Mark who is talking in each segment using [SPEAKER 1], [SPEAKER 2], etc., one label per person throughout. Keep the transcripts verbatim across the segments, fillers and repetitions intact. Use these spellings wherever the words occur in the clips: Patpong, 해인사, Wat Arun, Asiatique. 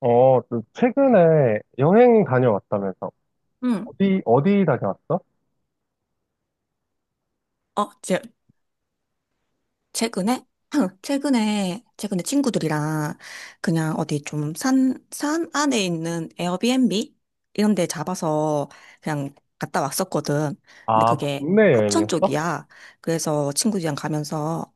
[SPEAKER 1] 어, 또 최근에 여행 다녀왔다면서?
[SPEAKER 2] 응.
[SPEAKER 1] 어디, 어디 다녀왔어?
[SPEAKER 2] 어, 제, 최근에? 최근에, 최근에 친구들이랑 그냥 어디 좀 산, 산 안에 있는 에어비앤비? 이런 데 잡아서 그냥 갔다 왔었거든. 근데
[SPEAKER 1] 아,
[SPEAKER 2] 그게
[SPEAKER 1] 국내
[SPEAKER 2] 합천
[SPEAKER 1] 여행이었어?
[SPEAKER 2] 쪽이야. 그래서 친구들이랑 가면서,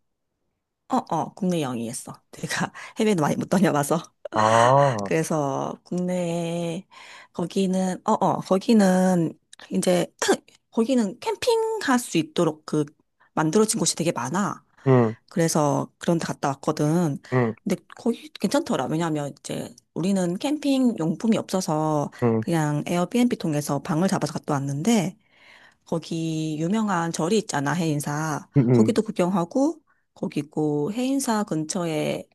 [SPEAKER 2] 어, 어, 국내 여행이었어. 내가 해외는 많이 못 다녀봐서.
[SPEAKER 1] 아,
[SPEAKER 2] 그래서 국내에 거기는 어어 거기는 이제 거기는 캠핑할 수 있도록 그 만들어진 곳이 되게 많아.
[SPEAKER 1] 응,
[SPEAKER 2] 그래서 그런 데 갔다 왔거든.
[SPEAKER 1] 응,
[SPEAKER 2] 근데 거기 괜찮더라. 왜냐하면 이제 우리는 캠핑 용품이 없어서
[SPEAKER 1] 응,
[SPEAKER 2] 그냥 에어비앤비 통해서 방을 잡아서 갔다 왔는데 거기 유명한 절이 있잖아, 해인사.
[SPEAKER 1] 응, 응,
[SPEAKER 2] 거기도 구경하고 거기 있고 해인사 근처에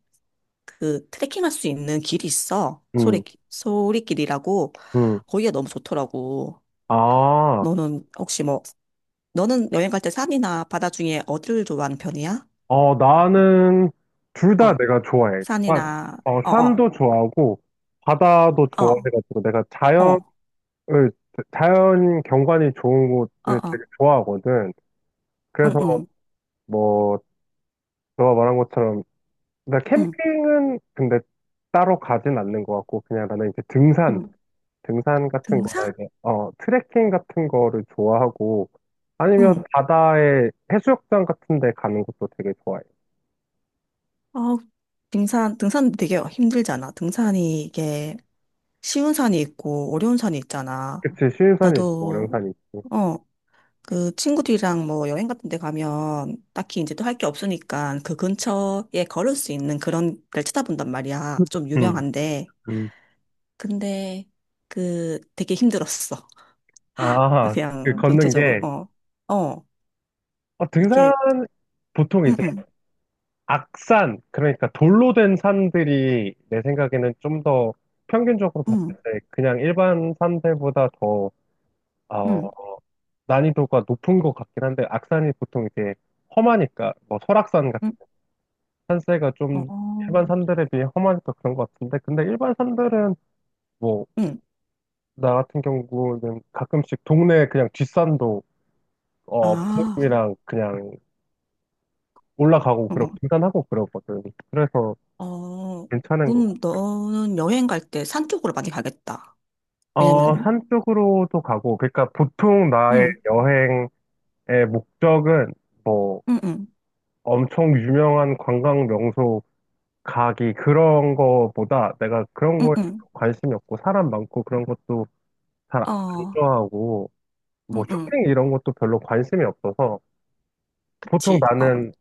[SPEAKER 2] 그 트레킹할 수 있는 길이 있어.
[SPEAKER 1] 응,
[SPEAKER 2] 소리, 소리길이라고.
[SPEAKER 1] 응.
[SPEAKER 2] 거기가 너무 좋더라고.
[SPEAKER 1] 아,
[SPEAKER 2] 너는 혹시 뭐, 너는 여행 갈 때 산이나 바다 중에 어디를 좋아하는 편이야?
[SPEAKER 1] 어, 나는 둘 다
[SPEAKER 2] 어,
[SPEAKER 1] 내가 좋아해. 산,
[SPEAKER 2] 산이나,
[SPEAKER 1] 어,
[SPEAKER 2] 어, 어,
[SPEAKER 1] 산도 좋아하고, 바다도
[SPEAKER 2] 어,
[SPEAKER 1] 좋아해가지고, 내가 자연을,
[SPEAKER 2] 어,
[SPEAKER 1] 자연 경관이 좋은
[SPEAKER 2] 어,
[SPEAKER 1] 곳을 되게
[SPEAKER 2] 어,
[SPEAKER 1] 좋아하거든.
[SPEAKER 2] 응,
[SPEAKER 1] 그래서,
[SPEAKER 2] 응,
[SPEAKER 1] 뭐, 너가 말한 것처럼 그러니까
[SPEAKER 2] 응,
[SPEAKER 1] 캠핑은 근데 따로 가진 않는 것 같고 그냥 나는 이제 등산,
[SPEAKER 2] 응.
[SPEAKER 1] 등산 같은 거나
[SPEAKER 2] 등산?
[SPEAKER 1] 이제 어 트레킹 같은 거를 좋아하고, 아니면
[SPEAKER 2] 응.
[SPEAKER 1] 바다에 해수욕장 같은 데 가는 것도 되게 좋아해.
[SPEAKER 2] 어, 등산, 등산 되게 힘들잖아. 등산이 이게 쉬운 산이 있고 어려운 산이 있잖아.
[SPEAKER 1] 그치, 쉬운 산이 있고 어려운
[SPEAKER 2] 나도,
[SPEAKER 1] 산이 있고.
[SPEAKER 2] 어, 그 친구들이랑 뭐 여행 같은 데 가면 딱히 이제 또 할 게 없으니까 그 근처에 걸을 수 있는 그런 데를 찾아본단 말이야. 좀
[SPEAKER 1] 음,
[SPEAKER 2] 유명한데.
[SPEAKER 1] 음.
[SPEAKER 2] 근데 그 되게 힘들었어.
[SPEAKER 1] 아,
[SPEAKER 2] 그냥
[SPEAKER 1] 그 걷는
[SPEAKER 2] 전체적으로.
[SPEAKER 1] 게,
[SPEAKER 2] 어. 어.
[SPEAKER 1] 어, 등산
[SPEAKER 2] 이게
[SPEAKER 1] 보통
[SPEAKER 2] 음,
[SPEAKER 1] 이제
[SPEAKER 2] 음,
[SPEAKER 1] 악산 그러니까 돌로 된 산들이 내 생각에는 좀 더 평균적으로 봤을
[SPEAKER 2] 음,
[SPEAKER 1] 때 그냥 일반 산들보다 더
[SPEAKER 2] 음,
[SPEAKER 1] 난이도가 높은 것 같긴 한데, 악산이 보통 이제 험하니까 뭐 설악산 같은
[SPEAKER 2] 음,
[SPEAKER 1] 산세가 좀
[SPEAKER 2] 어,
[SPEAKER 1] 일반 산들에 비해 험하니까 그런 것 같은데, 근데 일반 산들은 뭐
[SPEAKER 2] 음.
[SPEAKER 1] 나 같은 경우는 가끔씩 동네 그냥 뒷산도 어
[SPEAKER 2] 아.
[SPEAKER 1] 부모님이랑 그냥 올라가고 그러고 등산하고 그러거든. 그래서
[SPEAKER 2] 어. 어.
[SPEAKER 1] 괜찮은 거.
[SPEAKER 2] 그럼 너는 여행 갈 때 산 쪽으로 많이 가겠다.
[SPEAKER 1] 어,
[SPEAKER 2] 왜냐면
[SPEAKER 1] 산 쪽으로도 가고 그러니까 보통 나의
[SPEAKER 2] 음,
[SPEAKER 1] 여행의 목적은 뭐
[SPEAKER 2] 음, 음,
[SPEAKER 1] 엄청 유명한 관광 명소 가기 그런 거보다 내가 그런
[SPEAKER 2] 음,
[SPEAKER 1] 거에
[SPEAKER 2] 음.
[SPEAKER 1] 관심이 없고 사람 많고 그런 것도 잘 안
[SPEAKER 2] 어.
[SPEAKER 1] 좋아하고 뭐
[SPEAKER 2] 음, 음.
[SPEAKER 1] 쇼핑 이런 것도 별로 관심이 없어서 보통
[SPEAKER 2] 그치. 어.
[SPEAKER 1] 나는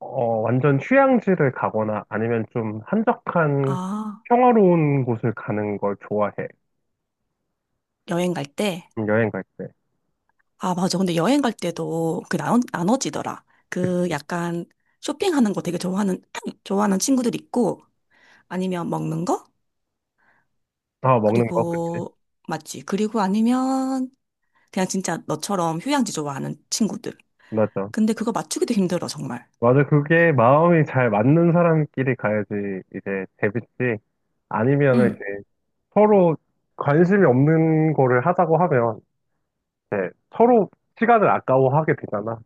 [SPEAKER 1] 어, 완전 휴양지를 가거나 아니면 좀 한적한
[SPEAKER 2] 아,
[SPEAKER 1] 평화로운 곳을 가는 걸 좋아해.
[SPEAKER 2] 여행 갈 때?
[SPEAKER 1] 음, 여행 갈 때.
[SPEAKER 2] 아, 맞아. 근데 여행 갈 때도 그 나눠, 나눠지더라. 그 약간 쇼핑하는 거 되게 좋아하는, 좋아하는 친구들 있고, 아니면 먹는 거?
[SPEAKER 1] 아, 먹는 거, 그치?
[SPEAKER 2] 그리고, 맞지. 그리고 아니면 그냥 진짜 너처럼 휴양지 좋아하는 친구들.
[SPEAKER 1] 맞아.
[SPEAKER 2] 근데 그거 맞추기도 힘들어, 정말.
[SPEAKER 1] 맞아. 그게 마음이 잘 맞는 사람끼리 가야지 이제 재밌지. 아니면은 이제
[SPEAKER 2] 응.
[SPEAKER 1] 서로 관심이 없는 거를 하자고 하면, 네, 서로 시간을 아까워하게 되잖아.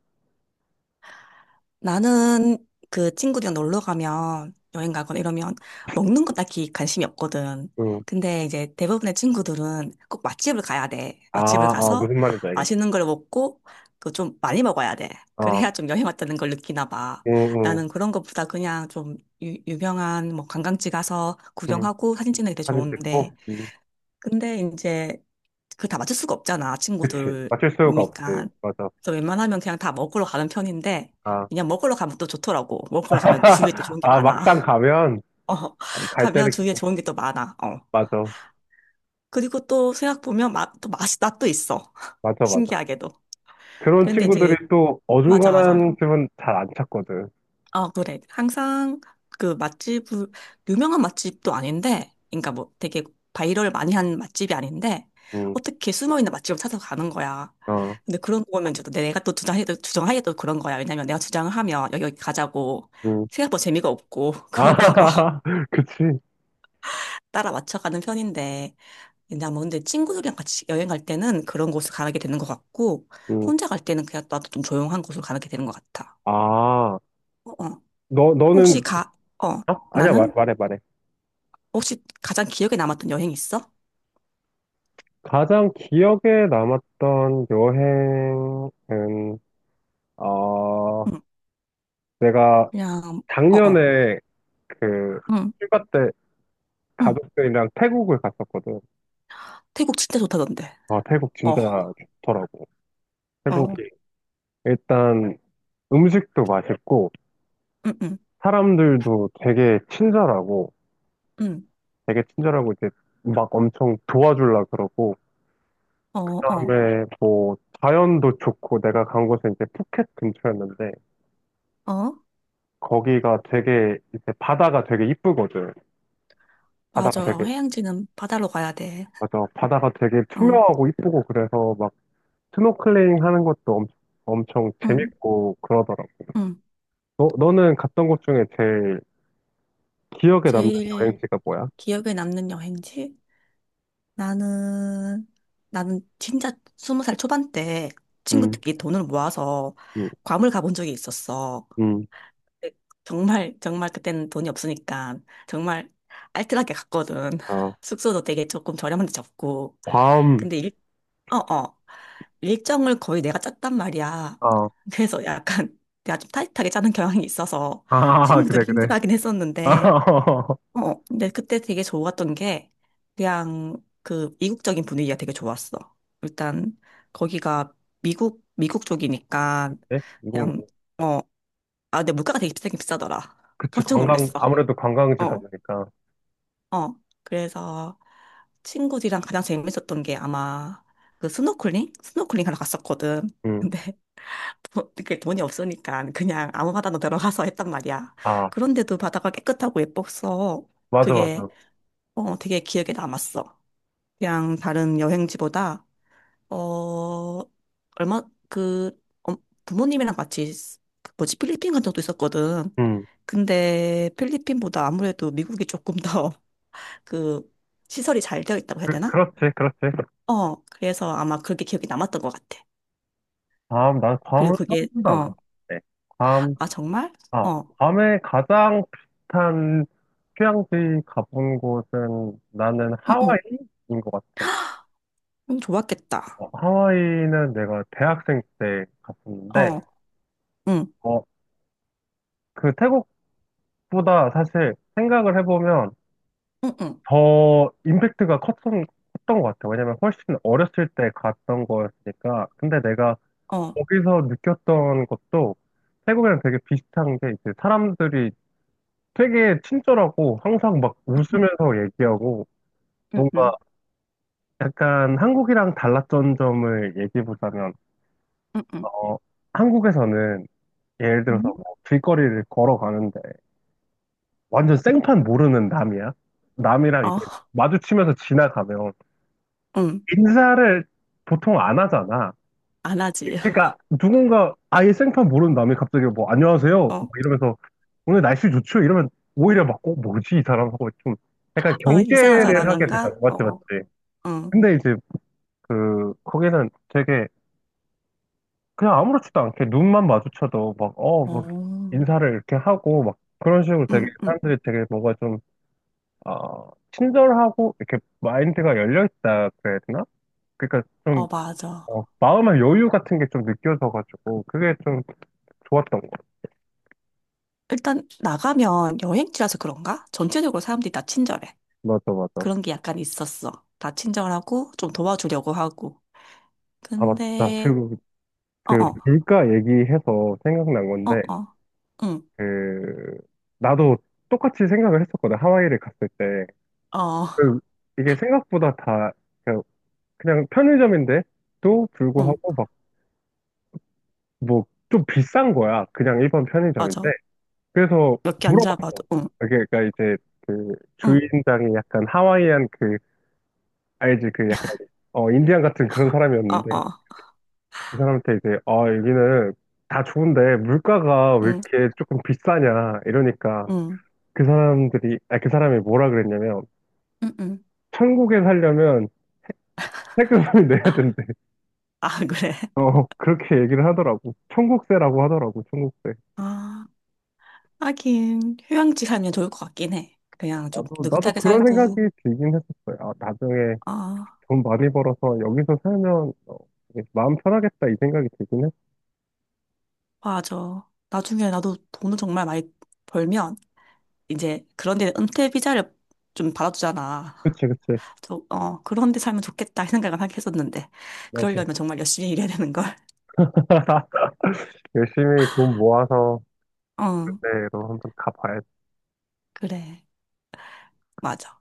[SPEAKER 2] 나는 그 친구들이랑 놀러 가면 여행 가거나 이러면 먹는 거 딱히 관심이 없거든.
[SPEAKER 1] 응.
[SPEAKER 2] 근데 이제 대부분의 친구들은 꼭 맛집을 가야 돼.
[SPEAKER 1] 아,
[SPEAKER 2] 맛집을
[SPEAKER 1] 아,
[SPEAKER 2] 가서
[SPEAKER 1] 무슨 말인지 알겠
[SPEAKER 2] 맛있는 걸 먹고 또 좀 많이 먹어야 돼.
[SPEAKER 1] 어 어,
[SPEAKER 2] 그래야 좀 여행 왔다는 걸 느끼나 봐.
[SPEAKER 1] 응, 응,
[SPEAKER 2] 나는 그런 것보다 그냥 좀 유, 유명한 뭐 관광지 가서
[SPEAKER 1] 응.
[SPEAKER 2] 구경하고 사진 찍는 게 되게
[SPEAKER 1] 사진
[SPEAKER 2] 좋은데
[SPEAKER 1] 찍고, 응.
[SPEAKER 2] 근데 이제 그걸 다 맞출 수가 없잖아,
[SPEAKER 1] 그치. 맞출 수가 없지.
[SPEAKER 2] 친구들이니까.
[SPEAKER 1] 맞아.
[SPEAKER 2] 그래서 웬만하면 그냥 다 먹으러 가는 편인데,
[SPEAKER 1] 아,
[SPEAKER 2] 그냥 먹으러 가면 또 좋더라고. 먹으러 가면 주위에 또 좋은 게
[SPEAKER 1] 아,
[SPEAKER 2] 많아.
[SPEAKER 1] 막상 가면,
[SPEAKER 2] 어,
[SPEAKER 1] 어, 갈
[SPEAKER 2] 가면
[SPEAKER 1] 때는,
[SPEAKER 2] 주위에 좋은 게 또 많아. 어.
[SPEAKER 1] 맞아.
[SPEAKER 2] 그리고 또 생각 보면 맛, 또 맛이, 맛도 있어.
[SPEAKER 1] 맞아, 맞아.
[SPEAKER 2] 신기하게도.
[SPEAKER 1] 그런
[SPEAKER 2] 그런데
[SPEAKER 1] 친구들이
[SPEAKER 2] 이제,
[SPEAKER 1] 또
[SPEAKER 2] 맞아, 맞아.
[SPEAKER 1] 어중간한 집은 잘 안 찾거든.
[SPEAKER 2] 아, 그래. 항상 그 맛집을, 유명한 맛집도 아닌데, 그러니까 뭐 되게 바이럴 많이 한 맛집이 아닌데,
[SPEAKER 1] 응,
[SPEAKER 2] 어떻게 숨어있는 맛집을 찾아가는 거야.
[SPEAKER 1] 어,
[SPEAKER 2] 근데 그런 거 보면 이제 또 내가 또 주장해도, 주장하기도 그런 거야. 왜냐면 내가 주장을 하면 여기, 여기 가자고
[SPEAKER 1] 응.
[SPEAKER 2] 생각보다 재미가 없고, 그럴까 봐
[SPEAKER 1] 아, 그치.
[SPEAKER 2] 따라 맞춰가는 편인데, 왜냐뭐 근데 친구들이랑 같이 여행 갈 때는 그런 곳을 가게 되는 것 같고,
[SPEAKER 1] 응.
[SPEAKER 2] 혼자 갈 때는 그냥 나도 좀 조용한 곳을 가게 되는 것 같아.
[SPEAKER 1] 아,
[SPEAKER 2] 어, 어.
[SPEAKER 1] 너,
[SPEAKER 2] 혹시
[SPEAKER 1] 너는, 그-
[SPEAKER 2] 가, 어,
[SPEAKER 1] 어? 아니야, 말,
[SPEAKER 2] 나는?
[SPEAKER 1] 말해, 말해.
[SPEAKER 2] 혹시 가장 기억에 남았던 여행 있어?
[SPEAKER 1] 가장 기억에 남았던 여행은, 어,
[SPEAKER 2] 응,
[SPEAKER 1] 내가
[SPEAKER 2] 그냥, 어어,
[SPEAKER 1] 작년에 그
[SPEAKER 2] 응,
[SPEAKER 1] 휴가 때
[SPEAKER 2] 응.
[SPEAKER 1] 가족들이랑 태국을 갔었거든.
[SPEAKER 2] 태국 진짜 좋다던데.
[SPEAKER 1] 아, 태국
[SPEAKER 2] 어,
[SPEAKER 1] 진짜 좋더라고. 태국이
[SPEAKER 2] 어,
[SPEAKER 1] 일단 음식도 맛있고,
[SPEAKER 2] 응, 응,
[SPEAKER 1] 사람들도 되게 친절하고,
[SPEAKER 2] 응,
[SPEAKER 1] 되게 친절하고 이제 막 엄청 도와줄라 그러고,
[SPEAKER 2] 어, 어,
[SPEAKER 1] 그다음에 뭐 자연도 좋고, 내가 간 곳은 이제 푸켓 근처였는데,
[SPEAKER 2] 어.
[SPEAKER 1] 거기가 되게 이제 바다가 되게 이쁘거든. 바다가
[SPEAKER 2] 맞아.
[SPEAKER 1] 되게,
[SPEAKER 2] 해양지는 바다로 가야 돼.
[SPEAKER 1] 맞아. 바다가 되게
[SPEAKER 2] 응,
[SPEAKER 1] 투명하고 이쁘고 그래서 막 스노클링 하는 것도 엄, 엄청
[SPEAKER 2] 응,
[SPEAKER 1] 재밌고 그러더라고.
[SPEAKER 2] 응.
[SPEAKER 1] 너, 너는 갔던 곳 중에 제일 기억에 남는
[SPEAKER 2] 제일
[SPEAKER 1] 여행지가 뭐야?
[SPEAKER 2] 기억에 남는 여행지? 나는, 나는 진짜 스무 살 초반 때
[SPEAKER 1] 음,
[SPEAKER 2] 친구들끼리 돈을 모아서
[SPEAKER 1] 음,
[SPEAKER 2] 괌을 가본 적이 있었어.
[SPEAKER 1] 음,
[SPEAKER 2] 정말 정말 그때는 돈이 없으니까 정말 알뜰하게 갔거든.
[SPEAKER 1] 아,
[SPEAKER 2] 숙소도 되게 조금 저렴한데 잡고.
[SPEAKER 1] 괌,
[SPEAKER 2] 근데 일, 어, 어. 일정을 거의 내가 짰단 말이야.
[SPEAKER 1] 어.
[SPEAKER 2] 그래서 약간 내가 좀 타이트하게 짜는 경향이 있어서
[SPEAKER 1] 아, 아,
[SPEAKER 2] 친구들이
[SPEAKER 1] 그래, 그래.
[SPEAKER 2] 힘들어하긴
[SPEAKER 1] 아,
[SPEAKER 2] 했었는데, 어, 어. 근데 그때 되게 좋았던 게 그냥 그 이국적인 분위기가 되게 좋았어. 일단 거기가 미국 미국 쪽이니까
[SPEAKER 1] 네? 이공.
[SPEAKER 2] 그냥 어, 아, 근데 물가가 되게 비싸긴 비싸더라.
[SPEAKER 1] 그치,
[SPEAKER 2] 깜짝
[SPEAKER 1] 관광,
[SPEAKER 2] 놀랐어.
[SPEAKER 1] 아무래도 관광지다
[SPEAKER 2] 어,
[SPEAKER 1] 보니까.
[SPEAKER 2] 어. 그래서 친구들이랑 가장 재밌었던 게 아마 그 스노클링? 스노클링 하러 갔었거든.
[SPEAKER 1] 음,
[SPEAKER 2] 근데 돈- 그 돈이 없으니까 그냥 아무 바다나 들어가서 했단 말이야.
[SPEAKER 1] 아,
[SPEAKER 2] 그런데도 바다가 깨끗하고 예뻤어.
[SPEAKER 1] 맞아, 맞아.
[SPEAKER 2] 그게 어, 되게 기억에 남았어. 그냥 다른 여행지보다 어, 얼마, 그, 어, 부모님이랑 같이, 쓰- 그 뭐지, 필리핀 간 적도 있었거든.
[SPEAKER 1] 음,
[SPEAKER 2] 근데 필리핀보다 아무래도 미국이 조금 더 그, 시설이 잘 되어 있다고 해야
[SPEAKER 1] 그,
[SPEAKER 2] 되나?
[SPEAKER 1] 그렇지, 그렇지.
[SPEAKER 2] 어, 그래서 아마 그게 기억이 남았던 것 같아.
[SPEAKER 1] 괌, 난 괌은
[SPEAKER 2] 그리고
[SPEAKER 1] 한
[SPEAKER 2] 그게,
[SPEAKER 1] 번도 안
[SPEAKER 2] 어,
[SPEAKER 1] 가봤네.
[SPEAKER 2] 아, 정말?
[SPEAKER 1] 아,
[SPEAKER 2] 어,
[SPEAKER 1] 밤에 가장 비슷한 휴양지 가본 곳은 나는
[SPEAKER 2] 응, 응,
[SPEAKER 1] 하와이인 것 같아.
[SPEAKER 2] 응,
[SPEAKER 1] 어,
[SPEAKER 2] 좋았겠다.
[SPEAKER 1] 하와이는 내가 대학생 때 갔었는데,
[SPEAKER 2] 어, 응,
[SPEAKER 1] 어, 그 태국보다 사실 생각을 해보면
[SPEAKER 2] 응, 응,
[SPEAKER 1] 더 임팩트가 컸던, 컸던 것 같아. 왜냐면 훨씬 어렸을 때 갔던 거였으니까. 근데 내가
[SPEAKER 2] 어,
[SPEAKER 1] 거기서 느꼈던 것도 태국이랑 되게 비슷한 게 이제 사람들이 되게 친절하고 항상 막 웃으면서 얘기하고
[SPEAKER 2] 응,
[SPEAKER 1] 뭔가
[SPEAKER 2] 응,
[SPEAKER 1] 약간 한국이랑 달랐던 점을 얘기해 보자면,
[SPEAKER 2] 응, 응,
[SPEAKER 1] 어, 한국에서는 예를 들어서
[SPEAKER 2] 응?
[SPEAKER 1] 뭐 길거리를 걸어가는데 완전 생판 모르는 남이야. 남이랑 이제
[SPEAKER 2] 어,
[SPEAKER 1] 마주치면서 지나가면
[SPEAKER 2] 응,
[SPEAKER 1] 인사를 보통 안 하잖아.
[SPEAKER 2] 안 하지.
[SPEAKER 1] 그러니까 누군가 아예 생판 모르는 남이 갑자기 뭐 안녕하세요 뭐
[SPEAKER 2] 어,
[SPEAKER 1] 이러면서 오늘 날씨 좋죠 이러면 오히려 막 어, 뭐지 이 사람 하고 좀 약간
[SPEAKER 2] 어, 이상한
[SPEAKER 1] 경계를 하게 되잖아.
[SPEAKER 2] 사람인가?
[SPEAKER 1] 느 맞지,
[SPEAKER 2] 어,
[SPEAKER 1] 맞지.
[SPEAKER 2] 응.
[SPEAKER 1] 근데 이제 그 거기는 되게 그냥 아무렇지도 않게 눈만 마주쳐도 막, 어, 막
[SPEAKER 2] 어.
[SPEAKER 1] 인사를 이렇게 하고 막 그런 식으로 되게
[SPEAKER 2] 음, 음.
[SPEAKER 1] 사람들이 되게 뭐가 좀, 어, 친절하고 이렇게 마인드가 열려있다 그래야 되나? 그러니까 좀,
[SPEAKER 2] 어, 맞아.
[SPEAKER 1] 어, 마음의 여유 같은 게 좀 느껴져가지고 그게 좀 좋았던 거.
[SPEAKER 2] 일단 나가면 여행지라서 그런가? 전체적으로 사람들이 다 친절해.
[SPEAKER 1] 맞아, 맞아.
[SPEAKER 2] 그런 게 약간 있었어. 다 친절하고 좀 도와주려고 하고.
[SPEAKER 1] 아, 맞다.
[SPEAKER 2] 근데
[SPEAKER 1] 그리고 그
[SPEAKER 2] 어,
[SPEAKER 1] 그
[SPEAKER 2] 어,
[SPEAKER 1] 물가 얘기해서 생각난
[SPEAKER 2] 어,
[SPEAKER 1] 건데,
[SPEAKER 2] 어. 응.
[SPEAKER 1] 그, 나도 똑같이 생각을 했었거든. 하와이를 갔을 때.
[SPEAKER 2] 어.
[SPEAKER 1] 그, 이게 생각보다 다 그 그냥 편의점인데도
[SPEAKER 2] 응.
[SPEAKER 1] 불구하고 막 뭐 좀 비싼 거야. 그냥 일반 편의점인데.
[SPEAKER 2] 맞아.
[SPEAKER 1] 그래서
[SPEAKER 2] 몇 개 안 잡아도
[SPEAKER 1] 물어봤어.
[SPEAKER 2] 응.
[SPEAKER 1] 그게 그러니까 이제 그
[SPEAKER 2] 응.
[SPEAKER 1] 주인장이 약간 하와이안 그 알지 그 약간 어 인디안 같은 그런
[SPEAKER 2] 어,
[SPEAKER 1] 사람이었는데
[SPEAKER 2] 어.
[SPEAKER 1] 이 사람한테 이제 아 여기는 다 좋은데 물가가 왜
[SPEAKER 2] 응.
[SPEAKER 1] 이렇게 조금 비싸냐 이러니까
[SPEAKER 2] 응.
[SPEAKER 1] 그 사람들이 아 그 사람이 뭐라 그랬냐면
[SPEAKER 2] 응. 응.
[SPEAKER 1] 천국에 살려면 세금을 내야 된대.
[SPEAKER 2] 아, 그래.
[SPEAKER 1] 어 그렇게 얘기를 하더라고. 천국세라고 하더라고. 천국세.
[SPEAKER 2] 아, 하긴 휴양지 살면 좋을 것 같긴 해. 그냥 좀
[SPEAKER 1] 나도, 나도
[SPEAKER 2] 느긋하게
[SPEAKER 1] 그런 생각이
[SPEAKER 2] 살고.
[SPEAKER 1] 들긴 했었어요. 아, 나중에
[SPEAKER 2] 아,
[SPEAKER 1] 돈 많이 벌어서 여기서 살면 어, 되게 마음 편하겠다 이 생각이 들긴 했어.
[SPEAKER 2] 맞아. 나중에 나도 돈을 정말 많이 벌면 이제 그런 데 은퇴 비자를 좀 받아주잖아.
[SPEAKER 1] 그치, 그치.
[SPEAKER 2] 저, 어, 그런 데 살면 좋겠다 이 생각을 하긴 했었는데
[SPEAKER 1] 맞아.
[SPEAKER 2] 그러려면 정말 열심히 일해야 되는 걸.
[SPEAKER 1] 열심히 돈 모아서
[SPEAKER 2] 어,
[SPEAKER 1] 그때로 한번 가봐야지.
[SPEAKER 2] 그래. 맞아.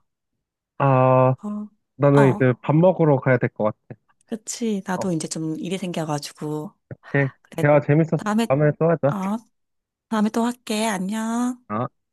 [SPEAKER 1] 아,
[SPEAKER 2] 어,
[SPEAKER 1] 나는
[SPEAKER 2] 어,
[SPEAKER 1] 이제 밥 먹으러 가야 될 것 같아.
[SPEAKER 2] 그치. 나도 이제 좀 일이 생겨가지고.
[SPEAKER 1] 오케이.
[SPEAKER 2] 그래.
[SPEAKER 1] 대화 재밌었어.
[SPEAKER 2] 다음에,
[SPEAKER 1] 다음에 또 하자.
[SPEAKER 2] 어, 다음에 또 할게. 안녕.
[SPEAKER 1] 아.